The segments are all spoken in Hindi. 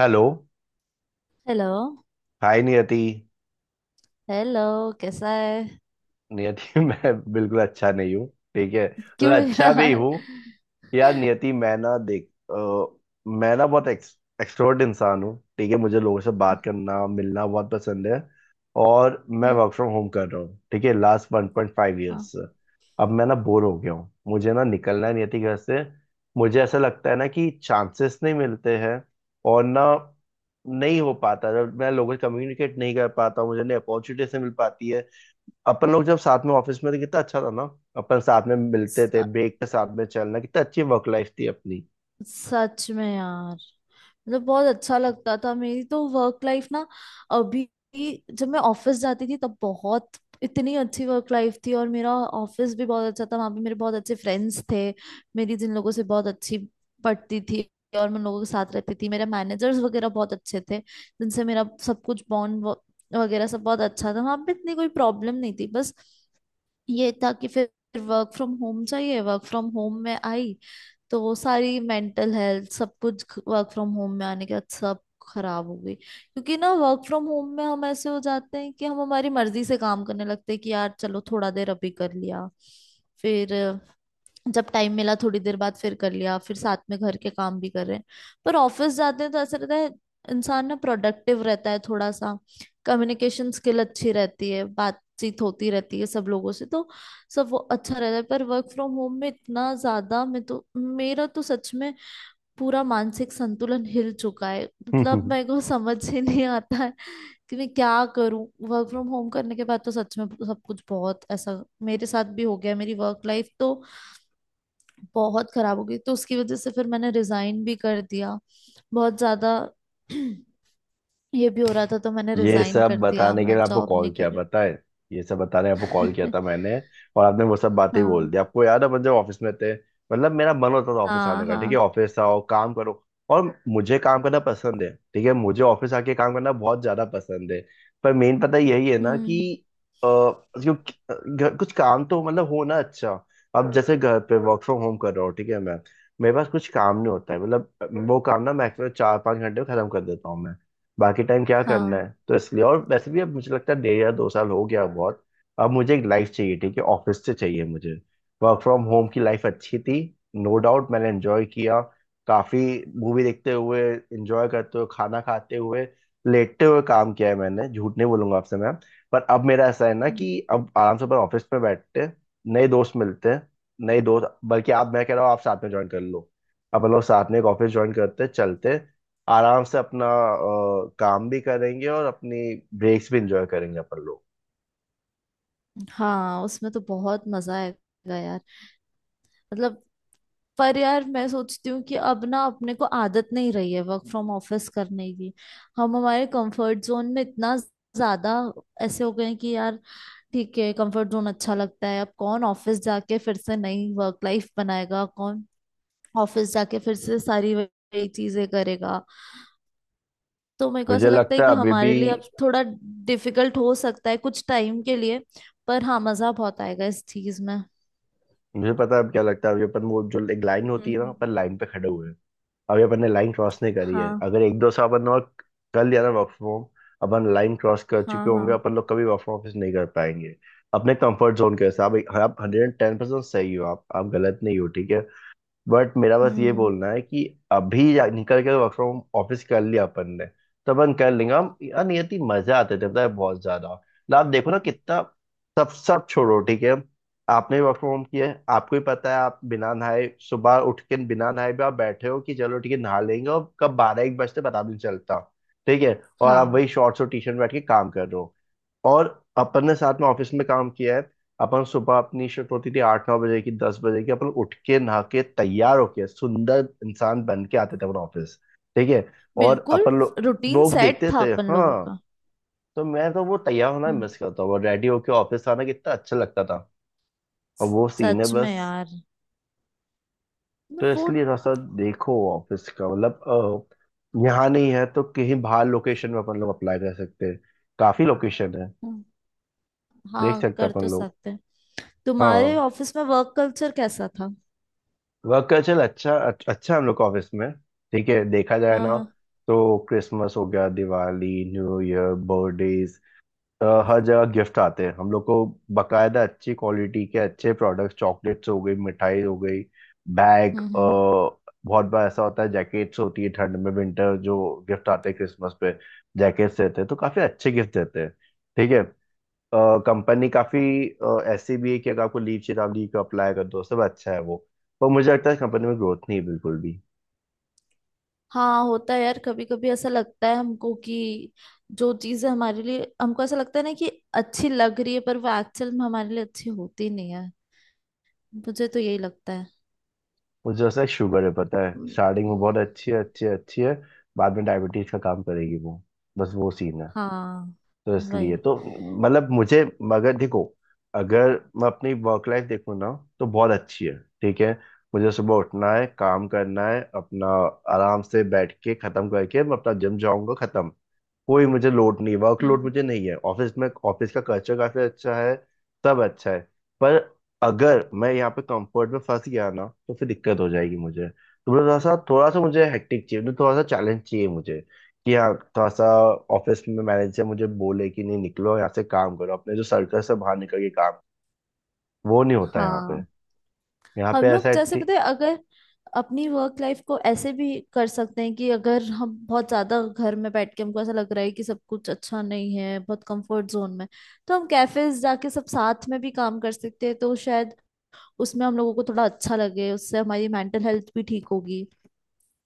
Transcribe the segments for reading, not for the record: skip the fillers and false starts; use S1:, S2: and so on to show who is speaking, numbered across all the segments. S1: Hello.
S2: Hello.
S1: Hi Niyati.
S2: Hello. कैसा है?
S1: नियति, मैं बिल्कुल अच्छा नहीं हूँ। ठीक है, मतलब
S2: क्यों
S1: अच्छा भी
S2: यार?
S1: हूँ। यार नियति, मैं ना देख मैं ना बहुत एक्सट्रोवर्ट इंसान हूँ। ठीक है, मुझे लोगों से बात करना मिलना बहुत पसंद है। और मैं
S2: हम्म,
S1: वर्क फ्रॉम होम कर रहा हूँ, ठीक है, लास्ट वन पॉइंट फाइव
S2: हाँ,
S1: ईयर्स से। अब मैं ना बोर हो गया हूँ, मुझे ना निकलना है नियति घर से। मुझे ऐसा लगता है ना कि चांसेस नहीं मिलते हैं और ना नहीं हो पाता, जब मैं लोगों से कम्युनिकेट नहीं कर पाता हूँ मुझे नहीं अपॉर्चुनिटी से मिल पाती है। अपन लोग जब साथ में ऑफिस में थे कितना अच्छा था ना। अपन साथ में मिलते
S2: स-
S1: थे ब्रेक के साथ में चलना, कितना अच्छी वर्क लाइफ थी अपनी।
S2: सच में यार। मतलब बहुत अच्छा लगता था। मेरी तो वर्क लाइफ ना अभी जब मैं ऑफिस जाती थी तब बहुत इतनी अच्छी वर्क लाइफ थी। और मेरा ऑफिस भी बहुत अच्छा था, वहां पे मेरे बहुत अच्छे फ्रेंड्स थे। मेरी जिन लोगों से बहुत अच्छी पड़ती थी और मैं उन लोगों के साथ रहती थी। मेरे मैनेजर्स वगैरह बहुत अच्छे थे, जिनसे मेरा सब कुछ बॉन्ड वगैरह सब बहुत अच्छा था। वहां पे इतनी कोई प्रॉब्लम नहीं थी। बस ये था कि फिर वर्क फ्रॉम होम चाहिए। वर्क फ्रॉम होम में आई तो वो सारी मेंटल हेल्थ सब कुछ वर्क फ्रॉम होम में आने के बाद सब खराब हो गई। क्योंकि ना वर्क फ्रॉम होम में हम ऐसे हो जाते हैं कि हम हमारी मर्जी से काम करने लगते हैं कि यार चलो थोड़ा देर अभी कर लिया। फिर जब टाइम मिला थोड़ी देर बाद फिर कर लिया। फिर साथ में घर के काम भी कर रहे हैं। पर ऑफिस जाते हैं तो ऐसा रहता है, इंसान ना प्रोडक्टिव रहता है थोड़ा सा। कम्युनिकेशन स्किल अच्छी रहती है, बातचीत होती रहती है सब लोगों से, तो सब वो अच्छा रहता है। पर वर्क फ्रॉम होम में इतना ज्यादा मैं तो, मेरा तो सच में पूरा मानसिक संतुलन हिल चुका है। मतलब मेरे को समझ ही नहीं आता है कि मैं क्या करूं। वर्क फ्रॉम होम करने के बाद तो सच में सब कुछ बहुत ऐसा मेरे साथ भी हो गया। मेरी वर्क लाइफ तो बहुत खराब हो गई, तो उसकी वजह से फिर मैंने रिजाइन भी कर दिया। बहुत ज्यादा ये भी हो रहा था तो मैंने
S1: ये
S2: रिजाइन
S1: सब
S2: कर दिया,
S1: बताने के
S2: मैं
S1: लिए आपको
S2: जॉब
S1: कॉल
S2: नहीं
S1: किया,
S2: कर
S1: पता है। ये सब बताने आपको कॉल किया
S2: रही।
S1: था मैंने। और आपने वो सब बातें बोल दी।
S2: हाँ।
S1: आपको याद है अपन जब ऑफिस में थे, मतलब मेरा मन होता था ऑफिस
S2: हाँ
S1: आने का। ठीक है,
S2: हाँ।
S1: ऑफिस आओ, काम करो। और मुझे काम करना पसंद है, ठीक है, मुझे ऑफिस आके काम करना बहुत ज्यादा पसंद है। पर मेन पता यही है ना कि
S2: हम्म।
S1: अ, जो कुछ काम तो मतलब हो ना अच्छा। अब जैसे घर पे वर्क फ्रॉम होम कर रहा हूँ ठीक है मैं, मेरे पास कुछ काम नहीं होता है, मतलब वो काम ना मैक्सिमम 4-5 घंटे में खत्म कर देता हूँ मैं। बाकी टाइम क्या करना
S2: हाँ।
S1: है? तो इसलिए, और वैसे भी अब मुझे लगता है 1.5 या 2 साल हो गया बहुत। अब मुझे एक लाइफ चाहिए, ठीक है, ऑफिस से चाहिए मुझे। वर्क फ्रॉम होम की लाइफ अच्छी थी, नो डाउट, मैंने एंजॉय किया काफी। मूवी देखते हुए, एंजॉय करते हुए, खाना खाते हुए, लेटते हुए काम किया है मैंने, झूठ नहीं बोलूंगा आपसे मैम। पर अब मेरा ऐसा है ना
S2: हम्म,
S1: कि अब आराम से अपन ऑफिस में बैठते हैं, नए दोस्त मिलते हैं। नए दोस्त, बल्कि आप, मैं कह रहा हूँ आप साथ में ज्वाइन कर लो। अपन लोग साथ में एक ऑफिस ज्वाइन करते हैं, चलते हैं। आराम से अपना काम भी करेंगे और अपनी ब्रेक्स भी इंजॉय करेंगे अपन लोग।
S2: हाँ उसमें तो बहुत मजा आएगा यार। मतलब पर यार मैं सोचती हूँ कि अब ना अपने को आदत नहीं रही है वर्क फ्रॉम ऑफिस करने की। हम हमारे कंफर्ट जोन में इतना ज्यादा ऐसे हो गए हैं कि यार ठीक है, कंफर्ट जोन अच्छा लगता है। अब कौन ऑफिस जाके फिर से नई वर्क लाइफ बनाएगा? कौन ऑफिस जाके फिर से सारी वही चीजें करेगा? तो मेरे को ऐसा
S1: मुझे
S2: लगता
S1: लगता
S2: है
S1: है
S2: कि
S1: अभी भी
S2: हमारे लिए अब थोड़ा डिफिकल्ट हो सकता है कुछ टाइम के लिए। पर हाँ, मजा बहुत आएगा इस चीज में।
S1: मुझे पता है अब क्या लगता है। अभी अपन, वो जो एक लाइन
S2: हम्म
S1: होती है ना,
S2: हम्म।
S1: अपन लाइन पे खड़े हुए हैं। अभी अपन ने लाइन क्रॉस नहीं करी है।
S2: हाँ।
S1: अगर 1-2 साल अपन और कर लिया ना वर्क फ्रॉम होम, अपन लाइन क्रॉस कर
S2: हाँ
S1: चुके
S2: हाँ।
S1: होंगे। अपन लोग कभी वर्क फ्रॉम ऑफिस नहीं कर पाएंगे अपने कंफर्ट जोन के हिसाब। आप 110% सही हो, आप गलत नहीं हो, ठीक है। बट मेरा बस ये
S2: हम्म।
S1: बोलना है कि अभी निकल के वर्क फ्रॉम ऑफिस कर लिया अपन ने, तो अपन कर लेंगे। हम, यार नियति, मजे आते थे पता है बहुत ज्यादा। मतलब आप देखो ना, कितना। सब सब छोड़ो, ठीक है। आपने वर्क फ्रॉम होम किया है, आपको ही पता है। आप बिना नहाए, सुबह उठ के बिना नहाए भी आप बैठे हो कि चलो ठीक है नहा लेंगे, और कब 12-1 बजते पता भी नहीं चलता। ठीक है, और आप
S2: हाँ
S1: वही शॉर्ट्स और टी शर्ट में बैठ के काम कर रहे हो। और अपन ने साथ में ऑफिस में काम किया है। अपन सुबह, अपनी शिफ्ट होती थी 8-9 बजे की, 10 बजे की, अपन उठ के नहा के तैयार होके सुंदर इंसान बन के आते थे अपन ऑफिस। ठीक है, और
S2: बिल्कुल।
S1: अपन
S2: रूटीन
S1: लोग
S2: सेट
S1: देखते
S2: था
S1: थे।
S2: अपन लोगों
S1: हाँ,
S2: का।
S1: तो मैं तो वो तैयार होना
S2: हम्म,
S1: मिस करता हूँ। रेडी होके ऑफिस आना कितना अच्छा लगता था। और वो सीन है
S2: सच में
S1: बस।
S2: यार। मैं
S1: तो
S2: वो।
S1: इसलिए थोड़ा सा देखो, ऑफिस का मतलब यहाँ नहीं है तो कहीं बाहर लोकेशन में अपन लोग अप्लाई कर सकते हैं। काफी लोकेशन है,
S2: हम्म।
S1: देख
S2: हाँ
S1: सकते हैं
S2: कर तो
S1: अपन लोग।
S2: सकते हैं। तुम्हारे
S1: हाँ,
S2: ऑफिस में वर्क कल्चर कैसा था?
S1: वर्क कल्चर अच्छा अच्छा है हम लोग का ऑफिस में। ठीक है, देखा जाए
S2: हाँ
S1: ना
S2: हाँ।
S1: तो क्रिसमस हो गया, दिवाली, न्यू ईयर, बर्थडेज, हर जगह गिफ्ट आते हैं हम लोग को। बकायदा अच्छी क्वालिटी के अच्छे प्रोडक्ट्स, चॉकलेट्स हो गई, मिठाई हो गई, बैग,
S2: हम्म हम्म।
S1: बहुत बार ऐसा होता है जैकेट्स होती है ठंड में, विंटर जो गिफ्ट आते हैं क्रिसमस पे जैकेट्स देते हैं, तो काफी अच्छे गिफ्ट देते हैं। ठीक है, कंपनी काफी ऐसी भी है कि अगर आपको लीव चेतावनी को अप्लाई कर दो, सब अच्छा है वो। पर मुझे लगता है कंपनी में ग्रोथ नहीं है बिल्कुल भी।
S2: हाँ होता है यार, कभी कभी ऐसा लगता है हमको कि जो चीजें हमारे लिए हमको ऐसा लगता है ना कि अच्छी लग रही है, पर वो एक्चुअल में हमारे लिए अच्छी होती नहीं है। मुझे तो यही लगता है।
S1: मुझे ऐसा शुगर है पता है,
S2: हम्म,
S1: स्टार्टिंग में बहुत अच्छी है, अच्छी है, अच्छी है। बाद में डायबिटीज का काम करेगी वो। बस वो सीन है।
S2: हाँ
S1: तो इसलिए
S2: वही।
S1: तो, मतलब मुझे, मगर देखो, अगर मैं अपनी वर्क लाइफ देखूँ ना तो बहुत अच्छी है। ठीक है, मुझे सुबह उठना है, काम करना है अपना, आराम से बैठ के खत्म करके मैं अपना जिम जाऊंगा, खत्म। कोई मुझे लोड नहीं,
S2: हम्म,
S1: वर्कलोड
S2: हम्म।
S1: मुझे नहीं है ऑफिस में। ऑफिस का कल्चर काफी अच्छा है, सब अच्छा है। पर अगर मैं यहाँ पे कंफर्ट में फंस गया ना तो फिर दिक्कत हो जाएगी मुझे, तो मुझे थोड़ा सा, थोड़ा सा मुझे हेक्टिक चाहिए, मुझे थोड़ा सा चैलेंज चाहिए मुझे। कि हाँ, थोड़ा सा ऑफिस में मैनेजर मुझे बोले कि नहीं, निकलो यहाँ से, काम करो अपने जो सर्कल से बाहर निकल के काम। वो नहीं होता यहाँ पे।
S2: हाँ
S1: यहाँ पे
S2: हम
S1: ऐसा
S2: लोग
S1: है
S2: जैसे
S1: ठी-
S2: पता है अगर अपनी वर्क लाइफ को ऐसे भी कर सकते हैं कि अगर हम बहुत ज्यादा घर में बैठ के हमको ऐसा लग रहा है कि सब कुछ अच्छा नहीं है, बहुत कंफर्ट जोन में, तो हम कैफेज जाके सब साथ में भी काम कर सकते हैं तो शायद उसमें हम लोगों को थोड़ा अच्छा लगे। उससे हमारी मेंटल हेल्थ भी ठीक होगी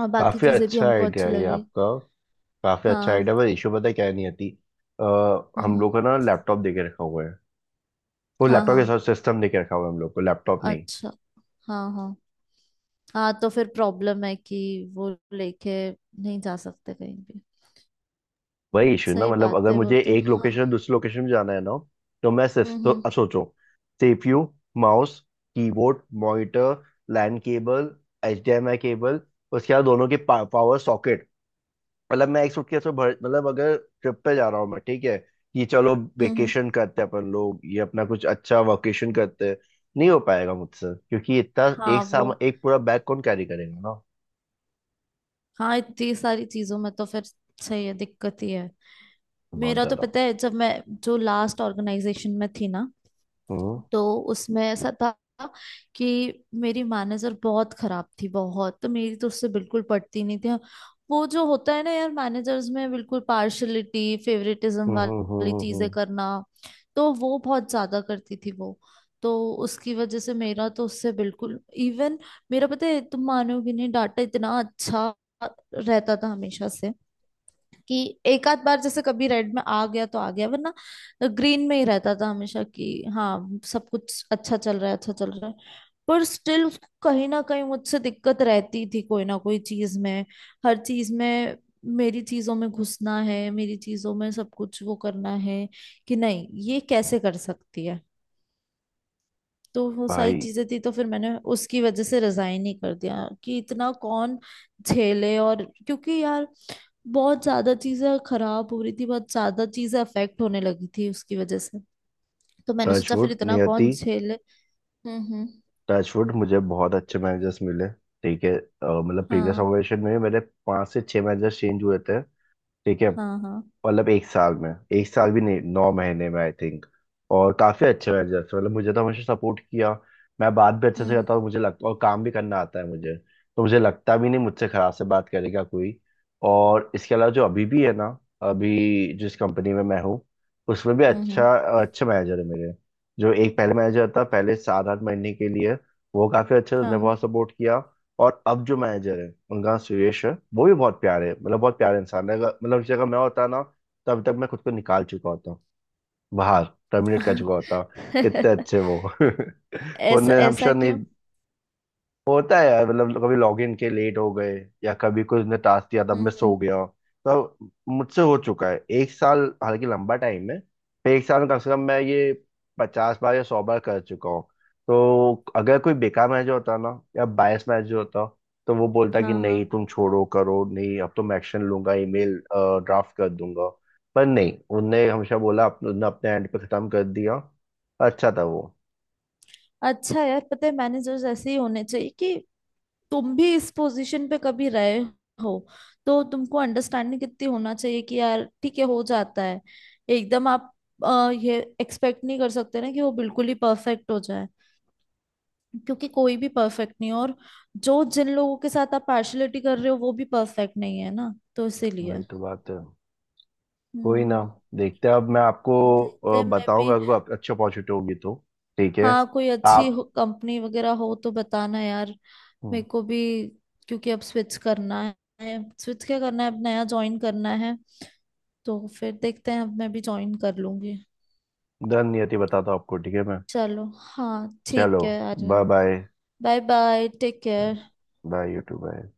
S2: और बाकी
S1: काफी
S2: चीजें भी
S1: अच्छा
S2: हमको
S1: आइडिया
S2: अच्छी
S1: है ये
S2: लगे।
S1: आपका। काफी अच्छा
S2: हाँ।
S1: आइडिया, पर इशू पता है क्या है, नहीं आती। अ,
S2: हम्म
S1: हम
S2: हम्म,
S1: लोग का ना लैपटॉप दे के रखा हुआ है। वो
S2: हाँ
S1: लैपटॉप
S2: हाँ।
S1: के साथ सिस्टम दे के रखा हुआ है, हम लोग को लैपटॉप नहीं।
S2: अच्छा। हाँ हाँ। हाँ तो फिर प्रॉब्लम है कि वो लेके नहीं जा सकते कहीं भी।
S1: वही इशू ना,
S2: सही
S1: मतलब
S2: बात
S1: अगर
S2: है वो
S1: मुझे
S2: तो,
S1: एक
S2: हाँ।
S1: लोकेशन से दूसरी लोकेशन में जाना है ना, तो मैं तो
S2: हम्म।
S1: सोचो, CPU, mouse, keyboard, monitor, LAN cable, HDMI cable, उसके बाद दोनों के पावर सॉकेट। मतलब मैं एक सुटकेस में भर, मतलब अगर ट्रिप पे जा रहा हूँ मैं, ठीक है, कि चलो
S2: हम्म हम्म,
S1: वेकेशन करते हैं अपन लोग, ये अपना कुछ अच्छा वकेशन करते हैं, नहीं हो पाएगा मुझसे, क्योंकि इतना
S2: हाँ
S1: एक
S2: वो।
S1: साम, एक पूरा बैग कौन कैरी करेगा ना।
S2: हाँ इतनी सारी चीजों में तो फिर सही है, दिक्कत ही है।
S1: बहुत
S2: मेरा तो
S1: ज्यादा।
S2: पता है, जब मैं जो लास्ट ऑर्गेनाइजेशन में थी ना,
S1: हम्म
S2: तो उसमें ऐसा था कि मेरी मैनेजर बहुत खराब थी, बहुत। तो मेरी तो उससे बिल्कुल पटती नहीं थी। वो जो होता है ना यार, मैनेजर्स में बिल्कुल पार्शलिटी फेवरेटिज्म
S1: हम्म,
S2: वाली चीजें
S1: हम्म।
S2: करना, तो वो बहुत ज्यादा करती थी वो। तो उसकी वजह से मेरा तो उससे बिल्कुल इवन, मेरा पता है तुम मानोगे नहीं, डाटा इतना अच्छा रहता था हमेशा से कि एक आध बार जैसे कभी रेड में आ गया तो आ गया, वरना ग्रीन में ही रहता था हमेशा कि हाँ सब कुछ अच्छा चल रहा है, अच्छा चल रहा है। पर स्टिल उसको कहीं ना कहीं मुझसे दिक्कत रहती थी, कोई ना कोई चीज में, हर चीज में। मेरी चीजों में घुसना है, मेरी चीजों में सब कुछ वो करना है कि नहीं ये कैसे कर सकती है। तो वो सारी
S1: भाई,
S2: चीजें थी, तो फिर मैंने उसकी वजह से रिजाइन ही कर दिया कि इतना कौन झेले। और क्योंकि यार बहुत ज्यादा चीजें खराब हो रही थी, बहुत ज्यादा चीजें अफेक्ट होने लगी थी उसकी वजह से। तो मैंने सोचा फिर
S1: टचवुड
S2: इतना
S1: नियति,
S2: कौन झेले। हम्म।
S1: टचवुड, मुझे बहुत अच्छे मैनेजर्स मिले, ठीक है। मतलब प्रीवियस
S2: हाँ
S1: ऑर्गेनाइजेशन में मेरे 5 से 6 मैनेजर्स चेंज हुए थे, ठीक है,
S2: हाँ। हाँ।
S1: मतलब 1 साल में, 1 साल भी नहीं, 9 महीने में आई थिंक। और काफी अच्छे मैनेजर थे, मतलब मुझे तो हमेशा सपोर्ट किया। मैं बात भी अच्छे से करता हूँ
S2: हम्म
S1: मुझे लगता, और काम भी करना आता है मुझे, तो मुझे लगता भी नहीं मुझसे खराब से बात करेगा कोई। और इसके अलावा जो अभी भी है ना, अभी जिस कंपनी में मैं हूँ, उसमें भी
S2: हम्म।
S1: अच्छा, अच्छे मैनेजर है मेरे। जो एक पहले मैनेजर था, पहले 7-8 महीने के लिए, वो काफी अच्छे थे,
S2: हाँ
S1: उन्होंने
S2: हाँ।
S1: बहुत सपोर्ट किया। और अब जो मैनेजर है उनका नाम सुरेश है, वो भी बहुत प्यारे, मतलब बहुत प्यारे इंसान है। मतलब जगह मैं होता ना, तो अभी तक मैं खुद को निकाल चुका होता, बाहर, टर्मिनेट कर चुका होता। इतने अच्छे वो,
S2: ऐसा
S1: वरना हम
S2: ऐसा
S1: शायद
S2: क्यों?
S1: नहीं। होता है यार, मतलब कभी लॉगिन के लेट हो गए, या कभी कोई उसने टास्क दिया था
S2: हम्म
S1: मिस
S2: हम्म,
S1: हो गया, तो मुझसे हो चुका है। 1 साल हालांकि लंबा टाइम है, पर 1 साल में कम से कम मैं ये 50 बार या 100 बार कर चुका हूँ। तो अगर कोई बेकार मैनेजर होता ना, या बायस मैनेजर होता, तो वो बोलता कि
S2: हाँ हाँ।
S1: नहीं, तुम छोड़ो करो, नहीं अब तो मैं एक्शन लूंगा, ईमेल ड्राफ्ट कर दूंगा। पर नहीं, उनने हमेशा बोला, उनने अपने एंड पे खत्म कर दिया। अच्छा था वो।
S2: अच्छा यार, पता है मैनेजर्स ऐसे ही होने चाहिए कि तुम भी इस पोजीशन पे कभी रहे हो, तो तुमको अंडरस्टैंडिंग कितनी होना चाहिए कि यार ठीक है, हो जाता है। एकदम आप ये एक्सपेक्ट नहीं कर सकते ना कि वो बिल्कुल ही परफेक्ट हो जाए। क्योंकि कोई भी परफेक्ट नहीं है, और जो जिन लोगों के साथ आप पार्शलिटी कर रहे हो वो भी परफेक्ट नहीं है ना, तो इसीलिए।
S1: वही तो बात है, कोई ना,
S2: हम्म।
S1: देखते हैं, अब मैं आपको
S2: देखते हैं मैं भी।
S1: बताऊंगा, अगर आप अच्छी अपॉर्चुनिटी होगी तो, ठीक है
S2: हाँ कोई अच्छी
S1: आप।
S2: कंपनी वगैरह हो तो बताना यार, मेरे
S1: हम्म,
S2: को भी। क्योंकि अब स्विच करना है, स्विच क्या करना है, अब नया ज्वाइन करना है। तो फिर देखते हैं, अब मैं भी ज्वाइन कर लूंगी।
S1: धन्यति, बताता हूँ आपको, ठीक है मैं।
S2: चलो हाँ
S1: चलो
S2: ठीक है
S1: bye
S2: Aryan.
S1: Bye.
S2: Bye bye, take care.
S1: Bye YouTube, bye.